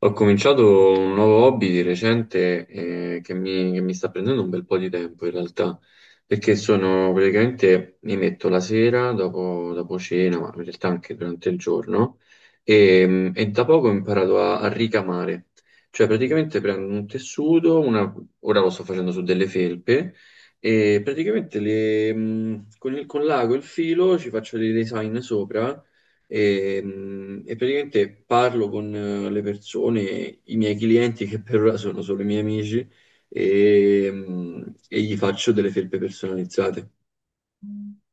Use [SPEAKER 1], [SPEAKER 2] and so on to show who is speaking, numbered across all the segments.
[SPEAKER 1] Ho cominciato un nuovo hobby di recente che mi sta prendendo un bel po' di tempo in realtà, perché sono praticamente mi metto la sera dopo cena, ma in realtà anche durante il giorno, e da poco ho imparato a ricamare, cioè praticamente prendo un tessuto, ora lo sto facendo su delle felpe, e praticamente con l'ago e il filo ci faccio dei design sopra e praticamente parlo con le persone, i miei clienti che per ora sono solo i miei amici, e gli faccio delle felpe personalizzate.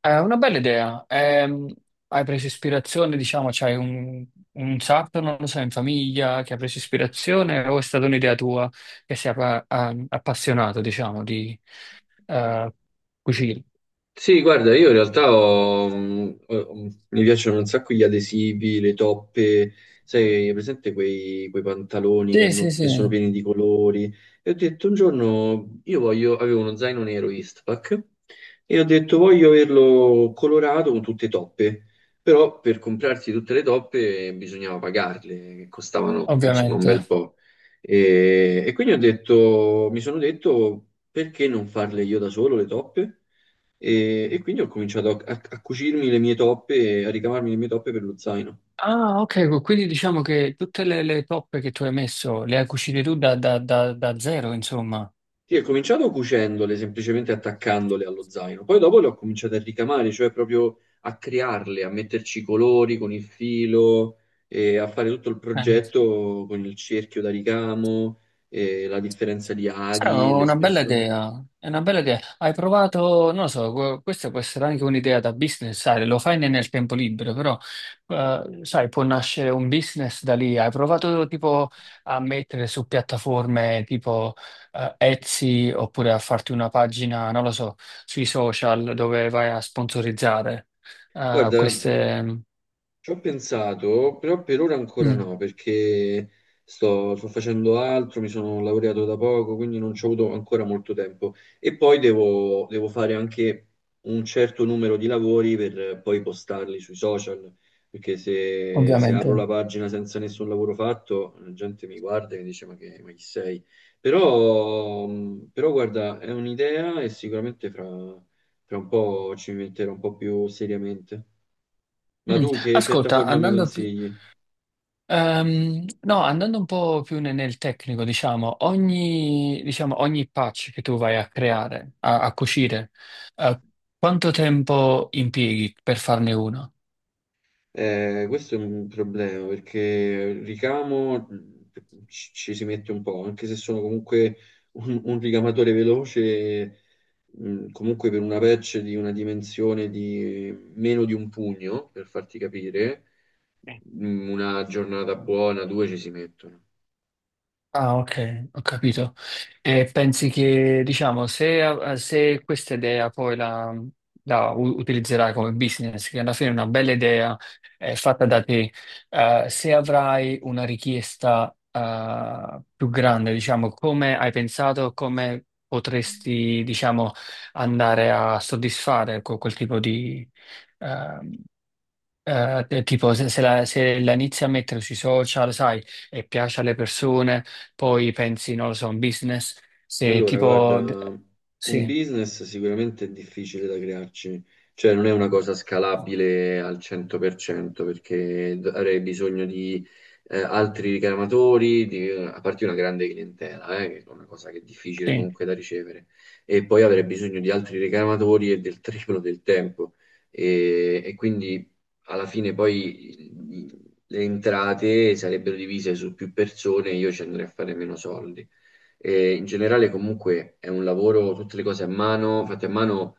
[SPEAKER 2] È una bella idea. Hai preso ispirazione, diciamo, c'hai un sarto, non lo so, in famiglia che ha preso ispirazione o è stata un'idea tua che sei appassionato, diciamo, di eh, cucina?
[SPEAKER 1] Sì, guarda, io in realtà mi piacciono un sacco gli adesivi, le toppe, sai, hai presente quei pantaloni che,
[SPEAKER 2] Sì, sì,
[SPEAKER 1] che sono
[SPEAKER 2] sì,
[SPEAKER 1] pieni di colori. E ho detto un giorno, io voglio, avevo uno zaino nero Eastpak e ho detto voglio averlo colorato con tutte toppe, però per comprarsi tutte le toppe bisognava pagarle, che costavano insomma un
[SPEAKER 2] ovviamente.
[SPEAKER 1] bel po'. E quindi ho detto, mi sono detto perché non farle io da solo le toppe? E quindi ho cominciato a cucirmi le mie toppe, a ricavarmi le mie toppe per lo zaino.
[SPEAKER 2] Ah, ok, quindi diciamo che tutte le toppe che tu hai messo le hai cucite tu da zero, insomma.
[SPEAKER 1] Sì, ho cominciato cucendole, semplicemente attaccandole allo zaino. Poi dopo le ho cominciate a ricamare, cioè proprio a crearle, a metterci i colori con il filo, e a fare tutto il
[SPEAKER 2] Eh.
[SPEAKER 1] progetto con il cerchio da ricamo, e la differenza di
[SPEAKER 2] Sarà
[SPEAKER 1] aghi, le
[SPEAKER 2] una bella
[SPEAKER 1] spesso.
[SPEAKER 2] idea, è una bella idea. Hai provato, non lo so, questa può essere anche un'idea da business, sai, lo fai nel tempo libero, però, sai, può nascere un business da lì. Hai provato tipo a mettere su piattaforme tipo Etsy oppure a farti una pagina, non lo so, sui social dove vai a sponsorizzare
[SPEAKER 1] Guarda,
[SPEAKER 2] queste.
[SPEAKER 1] ci ho pensato, però per ora ancora
[SPEAKER 2] Mm,
[SPEAKER 1] no, perché sto facendo altro, mi sono laureato da poco, quindi non ci ho avuto ancora molto tempo. E poi devo fare anche un certo numero di lavori per poi postarli sui social, perché se apro la
[SPEAKER 2] ovviamente.
[SPEAKER 1] pagina senza nessun lavoro fatto, la gente mi guarda e mi dice ma chi sei? Però, però guarda, è un'idea e sicuramente fra un po' ci metterò un po' più seriamente. Ma
[SPEAKER 2] Mm.
[SPEAKER 1] tu che
[SPEAKER 2] Ascolta,
[SPEAKER 1] piattaforma mi
[SPEAKER 2] andando più.
[SPEAKER 1] consigli?
[SPEAKER 2] No, andando un po' più nel tecnico, diciamo, ogni patch che tu vai a creare, a cucire, eh, quanto tempo impieghi per farne uno?
[SPEAKER 1] Questo è un problema perché ricamo ci si mette un po', anche se sono comunque un ricamatore veloce, comunque per una patch di una dimensione di meno di un pugno, per farti capire, una giornata buona, due ci si mettono.
[SPEAKER 2] Ah, ok, ho capito. E pensi che, diciamo, se questa idea poi la utilizzerai come business, che alla fine è una bella idea, è fatta da te, se avrai una richiesta, più grande, diciamo, come hai pensato, come potresti, diciamo, andare a soddisfare con quel tipo di, ehm, tipo se, se la inizi a mettere sui social, sai, e piace alle persone, poi pensi, non lo so, un business, se
[SPEAKER 1] Allora, guarda,
[SPEAKER 2] tipo.
[SPEAKER 1] un
[SPEAKER 2] Sì,
[SPEAKER 1] business sicuramente è difficile da crearci, cioè non è una cosa scalabile al 100% perché avrei bisogno di altri ricamatori, di, a parte una grande clientela, che è una cosa che è difficile
[SPEAKER 2] sì,
[SPEAKER 1] comunque da ricevere, e poi avrei bisogno di altri ricamatori e del triplo del tempo. E quindi alla fine poi le entrate sarebbero divise su più persone e io ci andrei a fare meno soldi. E in generale comunque è un lavoro, tutte le cose a mano, fatte a mano,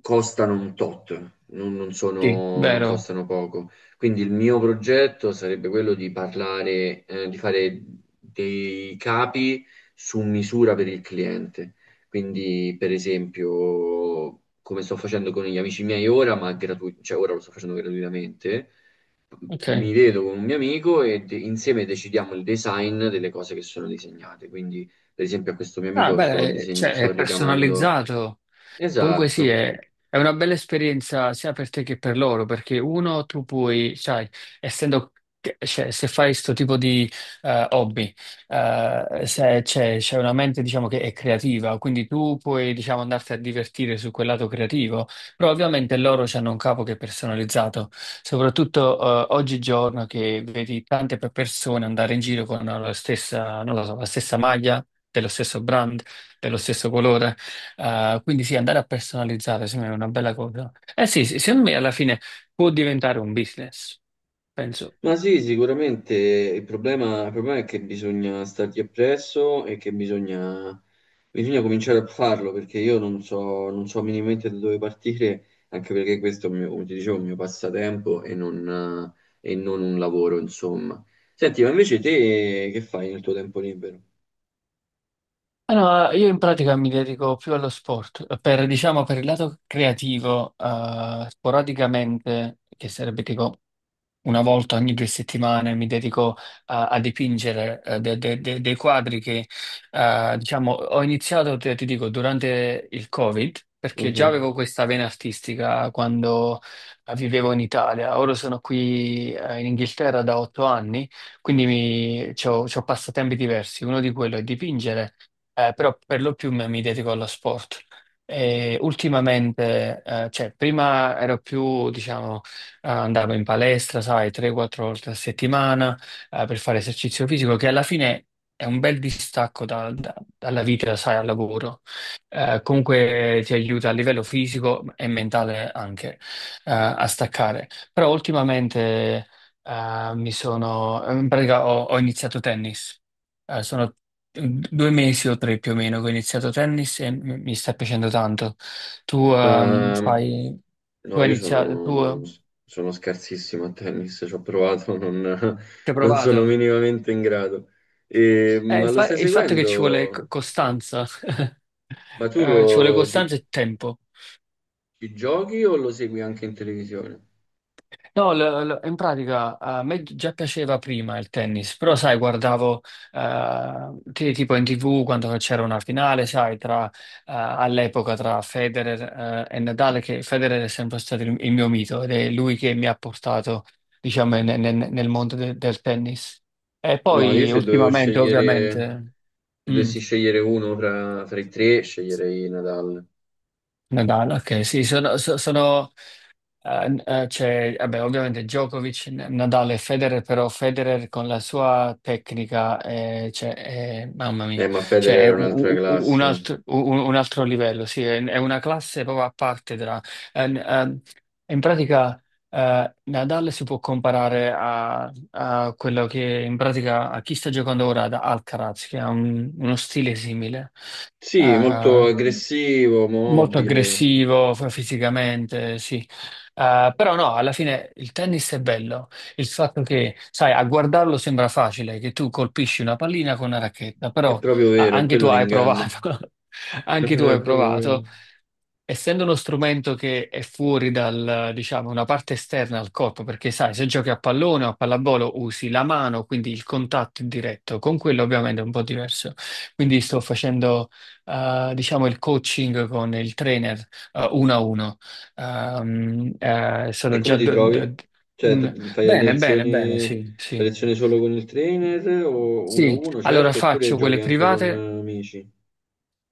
[SPEAKER 1] costano un tot, non
[SPEAKER 2] sì,
[SPEAKER 1] sono, non
[SPEAKER 2] vero,
[SPEAKER 1] costano poco. Quindi il mio progetto sarebbe quello di parlare, di fare dei capi su misura per il cliente. Quindi, per esempio, come sto facendo con gli amici miei ora, cioè ora lo sto facendo gratuitamente, mi
[SPEAKER 2] ok.
[SPEAKER 1] vedo con un mio amico e insieme decidiamo il design delle cose che sono disegnate. Quindi, per esempio, a questo mio
[SPEAKER 2] Ah,
[SPEAKER 1] amico
[SPEAKER 2] beh, cioè, è
[SPEAKER 1] sto ricamando.
[SPEAKER 2] personalizzato. Comunque sì,
[SPEAKER 1] Esatto.
[SPEAKER 2] è una bella esperienza sia per te che per loro, perché uno tu puoi, sai, essendo, cioè, se fai questo tipo di hobby, se c'è una mente diciamo che è creativa, quindi tu puoi diciamo andarti a divertire su quel lato creativo, però ovviamente loro hanno un capo che è personalizzato, soprattutto oggigiorno che vedi tante persone andare in giro con la stessa, non lo so, la stessa maglia, dello stesso brand, dello stesso colore. Quindi sì, andare a personalizzare sembra una bella cosa. Eh sì, sì, secondo me alla fine può diventare un business, penso.
[SPEAKER 1] Ma sì, sicuramente il problema è che bisogna stargli appresso e che bisogna, bisogna cominciare a farlo perché io non so, non so minimamente da dove partire, anche perché questo è un mio, come ti dicevo, un mio passatempo e non un lavoro, insomma. Senti, ma invece te che fai nel tuo tempo libero?
[SPEAKER 2] Allora, io in pratica mi dedico più allo sport, per, diciamo, per il lato creativo, sporadicamente, che sarebbe tipo una volta ogni 2 settimane, mi dedico a dipingere dei quadri che, diciamo, ho iniziato, ti dico, durante il Covid, perché già
[SPEAKER 1] Mhm.
[SPEAKER 2] avevo questa vena artistica quando vivevo in Italia, ora sono qui, in Inghilterra da 8 anni, quindi mi, c'ho passatempi diversi, uno di quello è dipingere però per lo più mi dedico allo sport. E ultimamente, cioè, prima ero più, diciamo, andavo in palestra, sai, 3-4 volte a settimana, per fare esercizio fisico, che alla fine è un bel distacco dalla vita, sai, al lavoro. Comunque ti aiuta a livello fisico e mentale anche, a staccare. Però ultimamente, mi sono, in pratica ho iniziato tennis. Sono 2 mesi o 3 più o meno che ho iniziato tennis e mi sta piacendo tanto. Tu
[SPEAKER 1] Ehm,
[SPEAKER 2] fai, tu
[SPEAKER 1] no,
[SPEAKER 2] hai
[SPEAKER 1] io
[SPEAKER 2] iniziato, tu
[SPEAKER 1] sono, sono scarsissimo a tennis, ci ho provato,
[SPEAKER 2] ci hai
[SPEAKER 1] non sono
[SPEAKER 2] provato.
[SPEAKER 1] minimamente in grado. E-
[SPEAKER 2] Eh,
[SPEAKER 1] ma
[SPEAKER 2] il,
[SPEAKER 1] lo
[SPEAKER 2] fa-
[SPEAKER 1] stai
[SPEAKER 2] il fatto è che ci vuole
[SPEAKER 1] seguendo?
[SPEAKER 2] costanza,
[SPEAKER 1] Ma tu lo,
[SPEAKER 2] Ci vuole
[SPEAKER 1] ci,
[SPEAKER 2] costanza e tempo.
[SPEAKER 1] ci giochi o lo segui anche in televisione?
[SPEAKER 2] No, in pratica a me già piaceva prima il tennis, però sai, guardavo tipo in TV quando c'era una finale, sai, tra, all'epoca tra Federer e Nadal, che Federer è sempre stato il mio mito ed è lui che mi ha portato, diciamo, nel mondo del tennis. E
[SPEAKER 1] No, io
[SPEAKER 2] poi
[SPEAKER 1] se dovevo
[SPEAKER 2] ultimamente,
[SPEAKER 1] scegliere,
[SPEAKER 2] ovviamente,
[SPEAKER 1] se
[SPEAKER 2] mm,
[SPEAKER 1] dovessi scegliere uno fra i tre, sceglierei Nadal.
[SPEAKER 2] Nadal, ok, sì, sono, c'è, vabbè, ovviamente Djokovic, Nadal e Federer, però Federer con la sua tecnica, cioè, mamma mia,
[SPEAKER 1] Ma
[SPEAKER 2] cioè,
[SPEAKER 1] Federer
[SPEAKER 2] è
[SPEAKER 1] era un'altra
[SPEAKER 2] u- u- un,
[SPEAKER 1] classe.
[SPEAKER 2] altro, u- un altro livello, sì, è una classe proprio a parte eh, n- ehm, in pratica, Nadal si può comparare a quello che, in pratica, a chi sta giocando ora ad Alcaraz, che ha uno stile simile.
[SPEAKER 1] Sì, molto
[SPEAKER 2] eh,
[SPEAKER 1] aggressivo,
[SPEAKER 2] Molto
[SPEAKER 1] mobile.
[SPEAKER 2] aggressivo fisicamente, sì. Però no, alla fine il tennis è bello. Il fatto che, sai, a guardarlo sembra facile, che tu colpisci una pallina con una racchetta,
[SPEAKER 1] È
[SPEAKER 2] però
[SPEAKER 1] proprio
[SPEAKER 2] ah,
[SPEAKER 1] vero, è
[SPEAKER 2] anche tu
[SPEAKER 1] quello
[SPEAKER 2] hai
[SPEAKER 1] l'inganno.
[SPEAKER 2] provato,
[SPEAKER 1] No,
[SPEAKER 2] anche tu
[SPEAKER 1] no, è
[SPEAKER 2] hai
[SPEAKER 1] proprio
[SPEAKER 2] provato.
[SPEAKER 1] vero.
[SPEAKER 2] Essendo uno strumento che è fuori dal, diciamo, una parte esterna al corpo, perché sai, se giochi a pallone o a pallavolo usi la mano, quindi il contatto è diretto, con quello ovviamente è un po' diverso. Quindi sto facendo, diciamo, il coaching con il trainer, uno a uno. Ehm, eh,
[SPEAKER 1] E
[SPEAKER 2] sono
[SPEAKER 1] come
[SPEAKER 2] già.
[SPEAKER 1] ti
[SPEAKER 2] do-
[SPEAKER 1] trovi?
[SPEAKER 2] do- un...
[SPEAKER 1] Fai le
[SPEAKER 2] Bene, bene, bene,
[SPEAKER 1] lezioni,
[SPEAKER 2] sì,
[SPEAKER 1] fai
[SPEAKER 2] sì.
[SPEAKER 1] lezioni solo con il trainer o uno a
[SPEAKER 2] Sì,
[SPEAKER 1] uno,
[SPEAKER 2] allora
[SPEAKER 1] certo, oppure
[SPEAKER 2] faccio
[SPEAKER 1] giochi
[SPEAKER 2] quelle
[SPEAKER 1] anche con
[SPEAKER 2] private.
[SPEAKER 1] amici?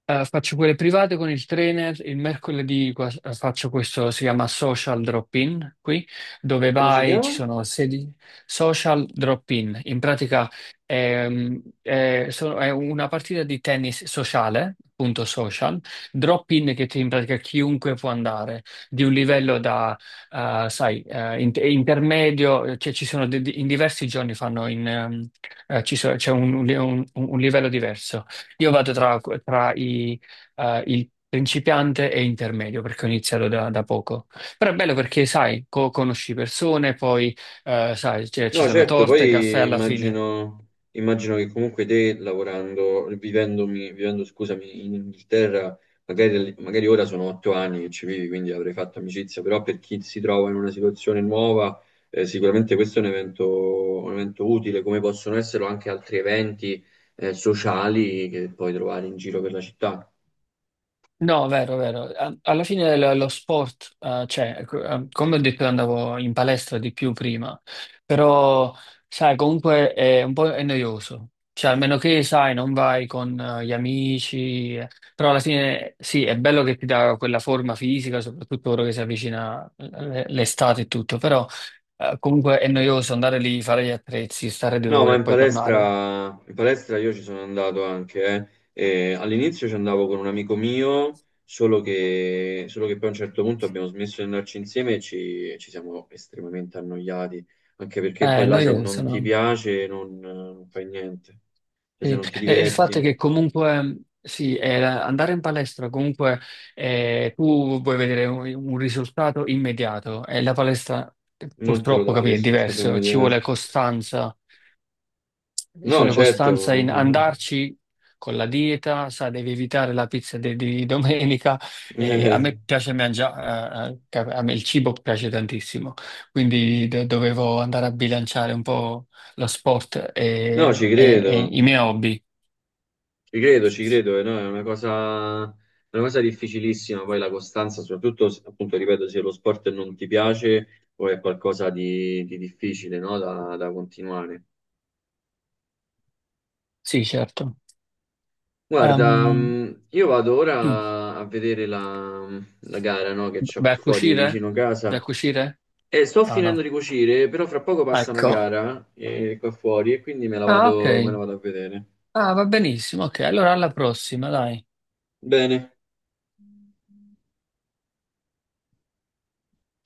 [SPEAKER 2] Faccio quelle private con il trainer, il mercoledì faccio questo, si chiama Social Drop-in qui, dove
[SPEAKER 1] Come si
[SPEAKER 2] vai, ci
[SPEAKER 1] chiama?
[SPEAKER 2] sono sedi. Social Drop-in, in pratica è una partita di tennis sociale, appunto social, drop-in che in pratica chiunque può andare, di un livello da, sai, intermedio, cioè ci sono in diversi giorni fanno in, c'è un un livello diverso. Io vado tra il principiante e intermedio perché ho iniziato da poco. Però è bello perché, sai, conosci persone, poi, sai, cioè, ci
[SPEAKER 1] No,
[SPEAKER 2] sono
[SPEAKER 1] certo,
[SPEAKER 2] torte, caffè
[SPEAKER 1] poi
[SPEAKER 2] alla fine.
[SPEAKER 1] immagino, immagino che comunque te lavorando, vivendo, scusami, in Inghilterra, magari ora sono otto anni che ci vivi, quindi avrei fatto amicizia, però per chi si trova in una situazione nuova, sicuramente questo è un evento utile, come possono esserlo anche altri eventi, sociali che puoi trovare in giro per la città.
[SPEAKER 2] No, vero, vero. Alla fine lo sport, cioè, ecco, come ho detto, io andavo in palestra di più prima, però, sai, comunque è un po' è noioso. Cioè, almeno che, sai, non vai con gli amici, però alla fine sì, è bello che ti dà quella forma fisica, soprattutto ora che si avvicina l'estate e tutto, però comunque è noioso andare lì, fare gli attrezzi, stare due
[SPEAKER 1] No,
[SPEAKER 2] ore
[SPEAKER 1] ma
[SPEAKER 2] e poi tornare.
[SPEAKER 1] in palestra io ci sono andato anche, eh. E all'inizio ci andavo con un amico mio, solo che poi a un certo punto abbiamo smesso di andarci insieme e ci siamo estremamente annoiati, anche perché
[SPEAKER 2] Eh,
[SPEAKER 1] poi
[SPEAKER 2] È
[SPEAKER 1] là se
[SPEAKER 2] noioso,
[SPEAKER 1] non ti
[SPEAKER 2] no?
[SPEAKER 1] piace non fai niente, cioè se
[SPEAKER 2] Sì,
[SPEAKER 1] non ti
[SPEAKER 2] e il fatto è
[SPEAKER 1] diverti
[SPEAKER 2] che comunque sì, andare in palestra, comunque tu vuoi vedere un risultato immediato e la palestra
[SPEAKER 1] non te lo
[SPEAKER 2] purtroppo,
[SPEAKER 1] dà il
[SPEAKER 2] capì, è
[SPEAKER 1] risultato
[SPEAKER 2] diverso,
[SPEAKER 1] immediato.
[SPEAKER 2] ci
[SPEAKER 1] No,
[SPEAKER 2] vuole
[SPEAKER 1] certo,
[SPEAKER 2] costanza in andarci con la dieta, sai, devi evitare la pizza di domenica, a
[SPEAKER 1] Eh,
[SPEAKER 2] me piace mangiare, a me il cibo piace tantissimo, quindi dovevo andare a bilanciare un po' lo sport
[SPEAKER 1] no,
[SPEAKER 2] e
[SPEAKER 1] ci
[SPEAKER 2] e
[SPEAKER 1] credo.
[SPEAKER 2] i miei hobby.
[SPEAKER 1] Ci credo, ci credo, no, è una cosa difficilissima, poi la costanza, soprattutto se, appunto, ripeto, se lo sport non ti piace o è qualcosa di difficile, no, da continuare.
[SPEAKER 2] Sì, certo.
[SPEAKER 1] Guarda,
[SPEAKER 2] Ehm,
[SPEAKER 1] io vado
[SPEAKER 2] sì.
[SPEAKER 1] ora a vedere la gara, no, che c'ho
[SPEAKER 2] Vai
[SPEAKER 1] qui
[SPEAKER 2] a
[SPEAKER 1] fuori
[SPEAKER 2] cucire?
[SPEAKER 1] vicino
[SPEAKER 2] Vai
[SPEAKER 1] casa
[SPEAKER 2] a cucire?
[SPEAKER 1] e sto
[SPEAKER 2] Ah, no.
[SPEAKER 1] finendo di cucire, però fra poco passa una
[SPEAKER 2] Ecco.
[SPEAKER 1] gara qua fuori e quindi
[SPEAKER 2] Ah, ok.
[SPEAKER 1] me la vado a vedere.
[SPEAKER 2] Ah, va benissimo. Ok, allora alla prossima, dai.
[SPEAKER 1] Bene.